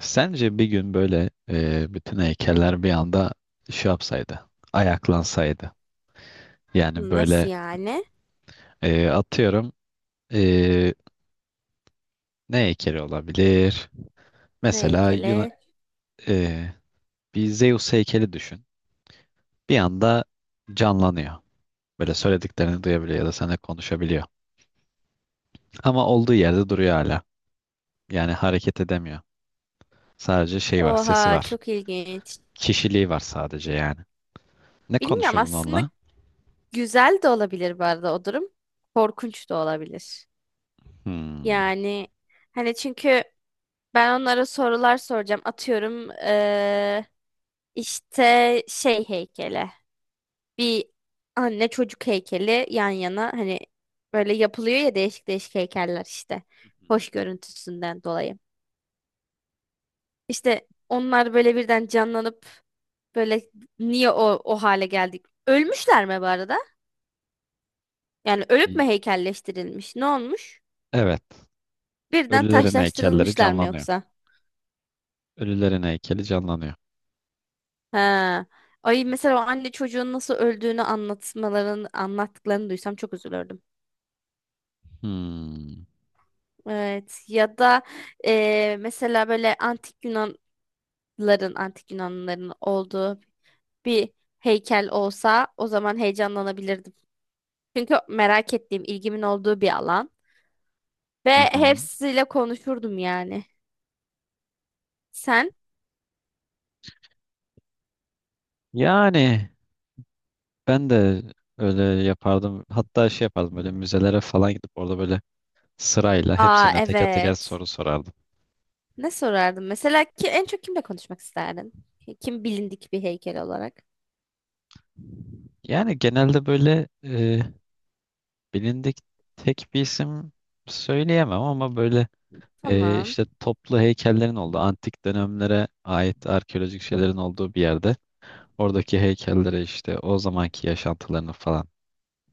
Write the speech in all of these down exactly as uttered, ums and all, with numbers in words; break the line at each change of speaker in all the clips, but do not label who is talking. Sence bir gün böyle e, bütün heykeller bir anda şey yapsaydı, ayaklansaydı. Yani
Nasıl
böyle
yani?
e, atıyorum e, ne heykeli olabilir?
Ne
Mesela Yuna,
heykeli?
e, bir Zeus heykeli düşün. Bir anda canlanıyor. Böyle söylediklerini duyabiliyor ya da seninle konuşabiliyor. Ama olduğu yerde duruyor hala. Yani hareket edemiyor. Sadece şey var, sesi
Oha,
var.
çok ilginç.
Kişiliği var sadece yani. Ne
Bilmiyorum
konuşurdun
aslında,
onunla?
güzel de olabilir bu arada o durum. Korkunç da olabilir.
Hmm.
Yani hani çünkü ben onlara sorular soracağım. Atıyorum eee, işte şey heykeli. Bir anne çocuk heykeli yan yana, hani böyle yapılıyor ya, değişik değişik heykeller işte. Hoş görüntüsünden dolayı. İşte onlar böyle birden canlanıp, böyle niye o, o hale geldik? Ölmüşler mi bu arada? Yani ölüp
İyi.
mü heykelleştirilmiş? Ne olmuş?
Evet.
Birden
Ölülerin heykelleri
taşlaştırılmışlar mı
canlanıyor.
yoksa?
Ölülerin heykeli canlanıyor.
Ha. Ay, mesela o anne çocuğun nasıl öldüğünü anlatmalarını anlattıklarını duysam çok üzülürdüm.
Hmm.
Evet, ya da e, mesela böyle antik Yunanların antik Yunanlıların olduğu bir heykel olsa, o zaman heyecanlanabilirdim. Çünkü merak ettiğim, ilgimin olduğu bir alan ve
Hı hı.
hepsiyle konuşurdum yani. Sen?
Yani ben de öyle yapardım. Hatta şey yapardım böyle müzelere falan gidip orada böyle sırayla
Aa,
hepsine teker teker
evet.
soru sorardım.
Ne sorardım? Mesela ki en çok kimle konuşmak isterdin? Kim, bilindik bir heykel olarak?
Yani genelde böyle e, bilindik tek bir isim söyleyemem ama böyle e,
Tamam.
işte toplu heykellerin olduğu antik dönemlere ait arkeolojik şeylerin olduğu bir yerde oradaki heykellere işte o zamanki yaşantılarını falan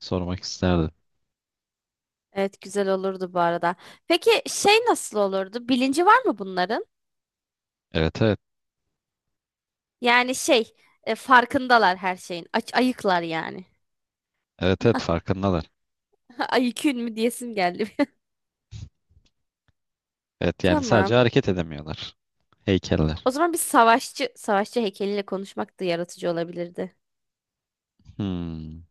sormak isterdim.
Evet, güzel olurdu bu arada. Peki şey nasıl olurdu? Bilinci var mı bunların?
Evet, evet.
Yani şey e, farkındalar her şeyin. Aç, ayıklar yani.
Evet, evet, farkındalar.
Ayıkün mü diyesim geldi.
Evet, yani sadece
Tamam.
hareket edemiyorlar. Heykeller.
O zaman bir savaşçı savaşçı heykeliyle konuşmak da yaratıcı olabilirdi.
Hmm.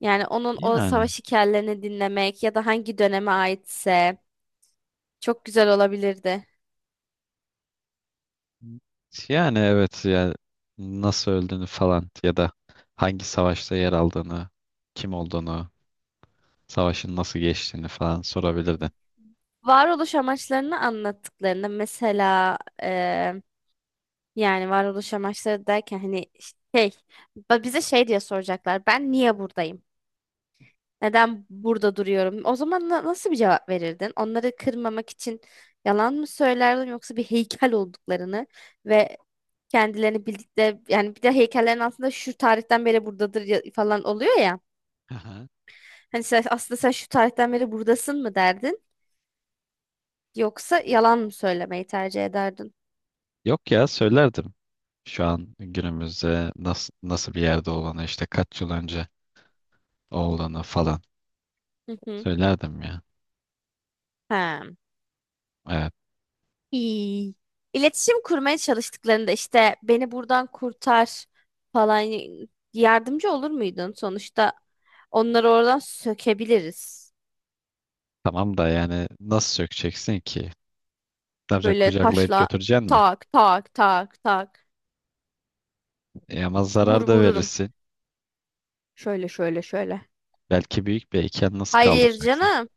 Yani onun o
Yani.
savaş hikayelerini dinlemek ya da hangi döneme aitse, çok güzel olabilirdi.
Yani evet ya, nasıl öldüğünü falan ya da hangi savaşta yer aldığını, kim olduğunu, savaşın nasıl geçtiğini falan sorabilirdin.
Varoluş amaçlarını anlattıklarında mesela, eee, yani varoluş amaçları derken, hani şey, ba- bize şey diye soracaklar, ben niye buradayım? Neden burada duruyorum? O zaman na- nasıl bir cevap verirdin? Onları kırmamak için yalan mı söylerdin, yoksa bir heykel olduklarını ve kendilerini bildikleri, yani bir de heykellerin altında şu tarihten beri buradadır ya- falan oluyor ya.
Aha.
Hani sen, aslında sen şu tarihten beri buradasın mı derdin, yoksa yalan mı söylemeyi tercih ederdin?
Yok ya, söylerdim. Şu an günümüzde nasıl nasıl bir yerde olduğunu işte kaç yıl önce olduğunu falan
Hı hı.
söylerdim ya.
Ha.
Evet.
İyi. İletişim kurmaya çalıştıklarında, işte beni buradan kurtar falan, yardımcı olur muydun? Sonuçta onları oradan sökebiliriz.
Tamam da yani nasıl sökeceksin ki? Ne yapacaksın?
Böyle
Kucaklayıp
taşla
götüreceksin mi?
tak tak tak tak
E ama
vur
zarar da
vururum.
verirsin.
Şöyle şöyle şöyle.
Belki büyük bir iken nasıl
Hayır
kaldıracaksın?
canım.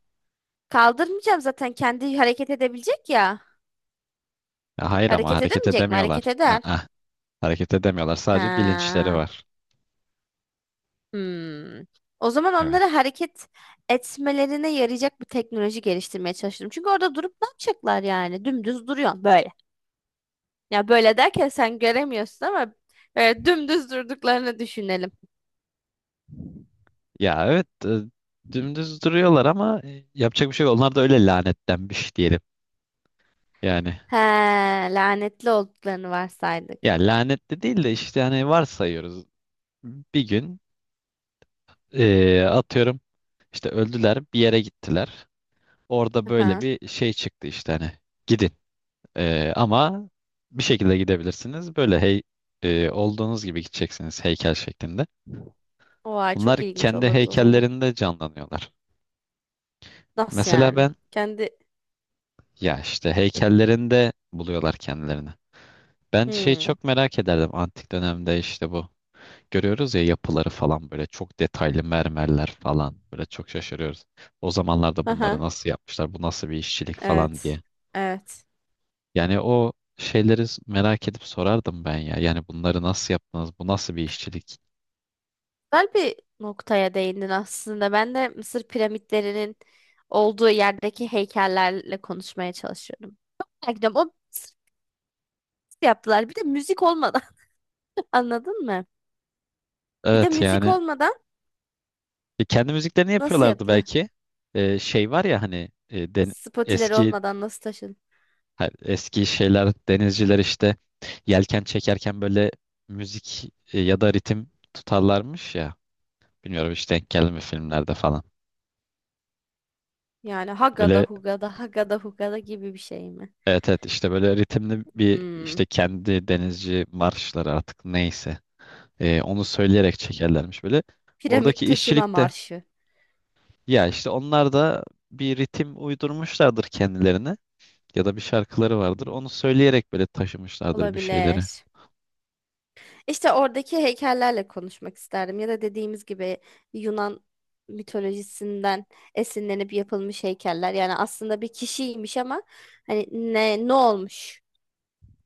Kaldırmayacağım, zaten kendi hareket edebilecek ya.
Ya hayır, ama
Hareket
hareket
edemeyecek mi? Hareket
edemiyorlar.
eder.
Aa, hareket edemiyorlar. Sadece bilinçleri
Ha.
var.
Hmm. O zaman
Evet.
onlara hareket etmelerine yarayacak bir teknoloji geliştirmeye çalıştım. Çünkü orada durup ne yapacaklar yani? Dümdüz duruyor böyle. Ya, böyle derken sen göremiyorsun ama böyle dümdüz durduklarını düşünelim.
Ya evet e, dümdüz duruyorlar ama e, yapacak bir şey yok. Onlar da öyle lanetlenmiş diyelim. Yani
He, lanetli olduklarını varsaydık.
ya lanetli değil de işte hani varsayıyoruz. Bir gün e, atıyorum işte öldüler, bir yere gittiler. Orada böyle
Aha.
bir şey çıktı işte hani gidin. Ee, ama bir şekilde gidebilirsiniz. Böyle hey e, olduğunuz gibi gideceksiniz, heykel şeklinde.
Oha, çok
Bunlar
ilginç
kendi
olurdu o zaman.
heykellerinde canlanıyorlar.
Nasıl
Mesela
yani?
ben,
Kendi...
ya işte heykellerinde buluyorlar kendilerini. Ben şeyi
Hmm.
çok merak ederdim antik dönemde işte bu. Görüyoruz ya, yapıları falan böyle çok detaylı mermerler falan, böyle çok şaşırıyoruz. O zamanlarda bunları
Aha.
nasıl yapmışlar, bu nasıl bir işçilik falan
Evet.
diye.
Evet.
Yani o şeyleri merak edip sorardım ben ya. Yani bunları nasıl yaptınız, bu nasıl bir işçilik?
Güzel bir noktaya değindin aslında. Ben de Mısır piramitlerinin olduğu yerdeki heykellerle konuşmaya çalışıyorum. Merak ediyorum, o Mısır nasıl yaptılar? Bir de müzik olmadan, anladın mı? Bir de
Evet,
müzik
yani
olmadan
E, kendi müziklerini
nasıl
yapıyorlardı
yaptılar?
belki. E, şey var ya, hani e, den-
Spotileri
eski,
olmadan nasıl taşın?
ha, eski şeyler, denizciler işte yelken çekerken böyle müzik e, ya da ritim tutarlarmış ya. Bilmiyorum, işte denk geldi mi filmlerde falan.
Yani hagada
Böyle,
hugada hagada hugada gibi bir şey mi?
evet, evet, işte böyle ritimli bir
Hmm.
işte kendi denizci marşları artık neyse, E, onu söyleyerek çekerlermiş böyle.
Piramit
Oradaki
taşıma
işçilik de,
marşı
ya işte onlar da bir ritim uydurmuşlardır kendilerine, ya da bir şarkıları vardır. Onu söyleyerek böyle taşımışlardır bir şeyleri.
olabilir. İşte oradaki heykellerle konuşmak isterdim, ya da dediğimiz gibi Yunan mitolojisinden esinlenip yapılmış heykeller. Yani aslında bir kişiymiş ama hani ne ne olmuş?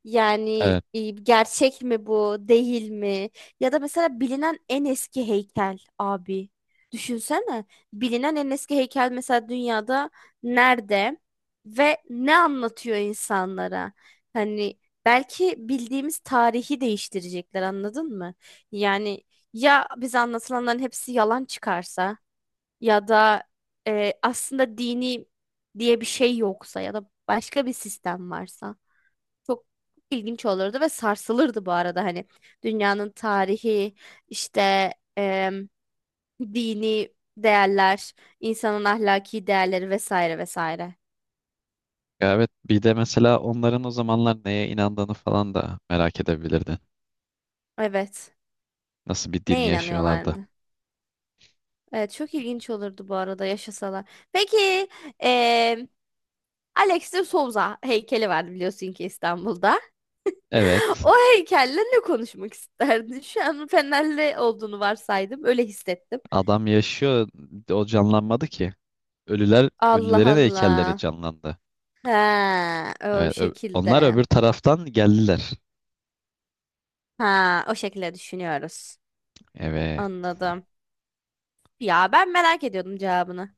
Yani
Evet.
e, gerçek mi bu, değil mi? Ya da mesela bilinen en eski heykel abi. Düşünsene. Bilinen en eski heykel mesela, dünyada nerede ve ne anlatıyor insanlara? Hani belki bildiğimiz tarihi değiştirecekler, anladın mı? Yani ya bize anlatılanların hepsi yalan çıkarsa, ya da e, aslında dini diye bir şey yoksa, ya da başka bir sistem varsa, çok ilginç olurdu ve sarsılırdı bu arada, hani dünyanın tarihi, işte em, dini değerler, insanın ahlaki değerleri, vesaire vesaire.
Ya evet. Bir de mesela onların o zamanlar neye inandığını falan da merak edebilirdin.
Evet.
Nasıl bir din
Neye
yaşıyorlardı.
inanıyorlardı? Evet, çok ilginç olurdu bu arada yaşasalar. Peki, em, Alex de Souza heykeli vardı, biliyorsun ki, İstanbul'da.
Evet.
O heykelle ne konuşmak isterdin? Şu an Fenerli olduğunu varsaydım. Öyle hissettim.
Adam yaşıyor. O canlanmadı ki. Ölüler,
Allah
ölülerin heykelleri
Allah.
canlandı.
Ha, o
Evet. Ö- onlar öbür
şekilde.
taraftan geldiler.
Ha, o şekilde düşünüyoruz.
Evet.
Anladım. Ya ben merak ediyordum cevabını.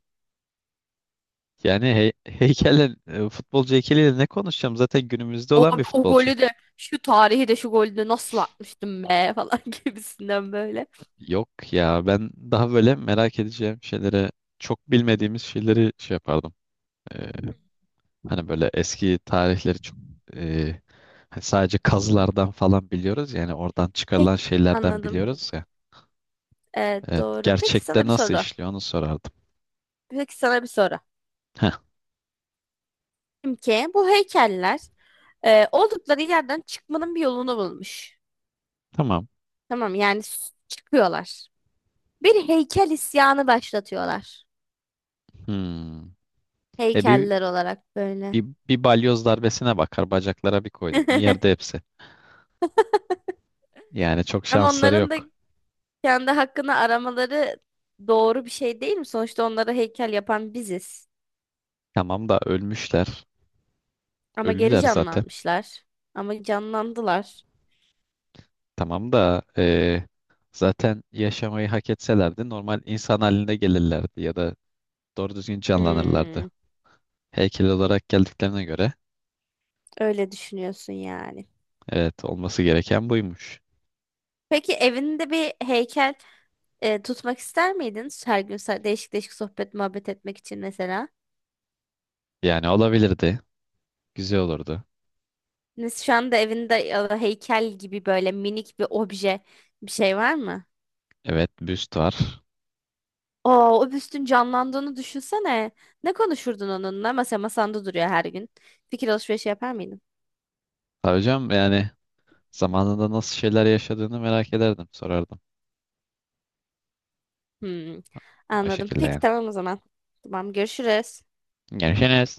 Yani hey, heykelle, e, futbolcu heykeliyle ne konuşacağım? Zaten günümüzde
O,
olan bir
o
futbolcu.
golü de şu tarihi de şu golü de nasıl atmıştım be falan gibisinden böyle.
Yok ya, ben daha böyle merak edeceğim şeylere, çok bilmediğimiz şeyleri şey yapardım. Ee, hani böyle eski tarihleri çok e, hani sadece kazılardan falan biliyoruz ya, yani oradan
Peki,
çıkarılan şeylerden
anladım.
biliyoruz ya.
Evet
Evet,
doğru. Peki sana
gerçekte
bir
nasıl
soru.
işliyor onu sorardım.
Peki sana bir soru.
Heh,
Ki bu heykeller e, oldukları yerden çıkmanın bir yolunu bulmuş.
tamam.
Tamam yani, s- çıkıyorlar. Bir heykel isyanı başlatıyorlar.
Hmm. E bir,
Heykeller olarak böyle.
bir, bir balyoz darbesine bakar, bacaklara bir koydun mu yerde hepsi. Yani çok
Ama
şansları
onların da
yok.
kendi hakkını aramaları doğru bir şey değil mi? Sonuçta onlara heykel yapan biziz.
Tamam da ölmüşler.
Ama geri
Ölüler zaten.
canlanmışlar. Ama canlandılar.
Tamam da eee, zaten yaşamayı hak etselerdi normal insan haline gelirlerdi ya da doğru düzgün canlanırlardı.
Hmm,
Heykel olarak geldiklerine göre
öyle düşünüyorsun yani.
evet, olması gereken buymuş.
Peki evinde bir heykel e, tutmak ister miydin? Her gün, sa- değişik değişik sohbet muhabbet etmek için mesela.
Yani olabilirdi. Güzel olurdu.
Nes- Şu anda evinde, ya da heykel gibi böyle, minik bir obje bir şey var mı?
Evet, büst var.
Oo, o büstün canlandığını düşünsene. Ne konuşurdun onunla? Mesela masanda duruyor her gün. Fikir alışverişi yapar mıydın?
Ha hocam, yani zamanında nasıl şeyler yaşadığını merak ederdim. Sorardım.
Hmm,
O
anladım.
şekilde
Peki
yani.
tamam o zaman. Tamam, görüşürüz.
Görüşürüz.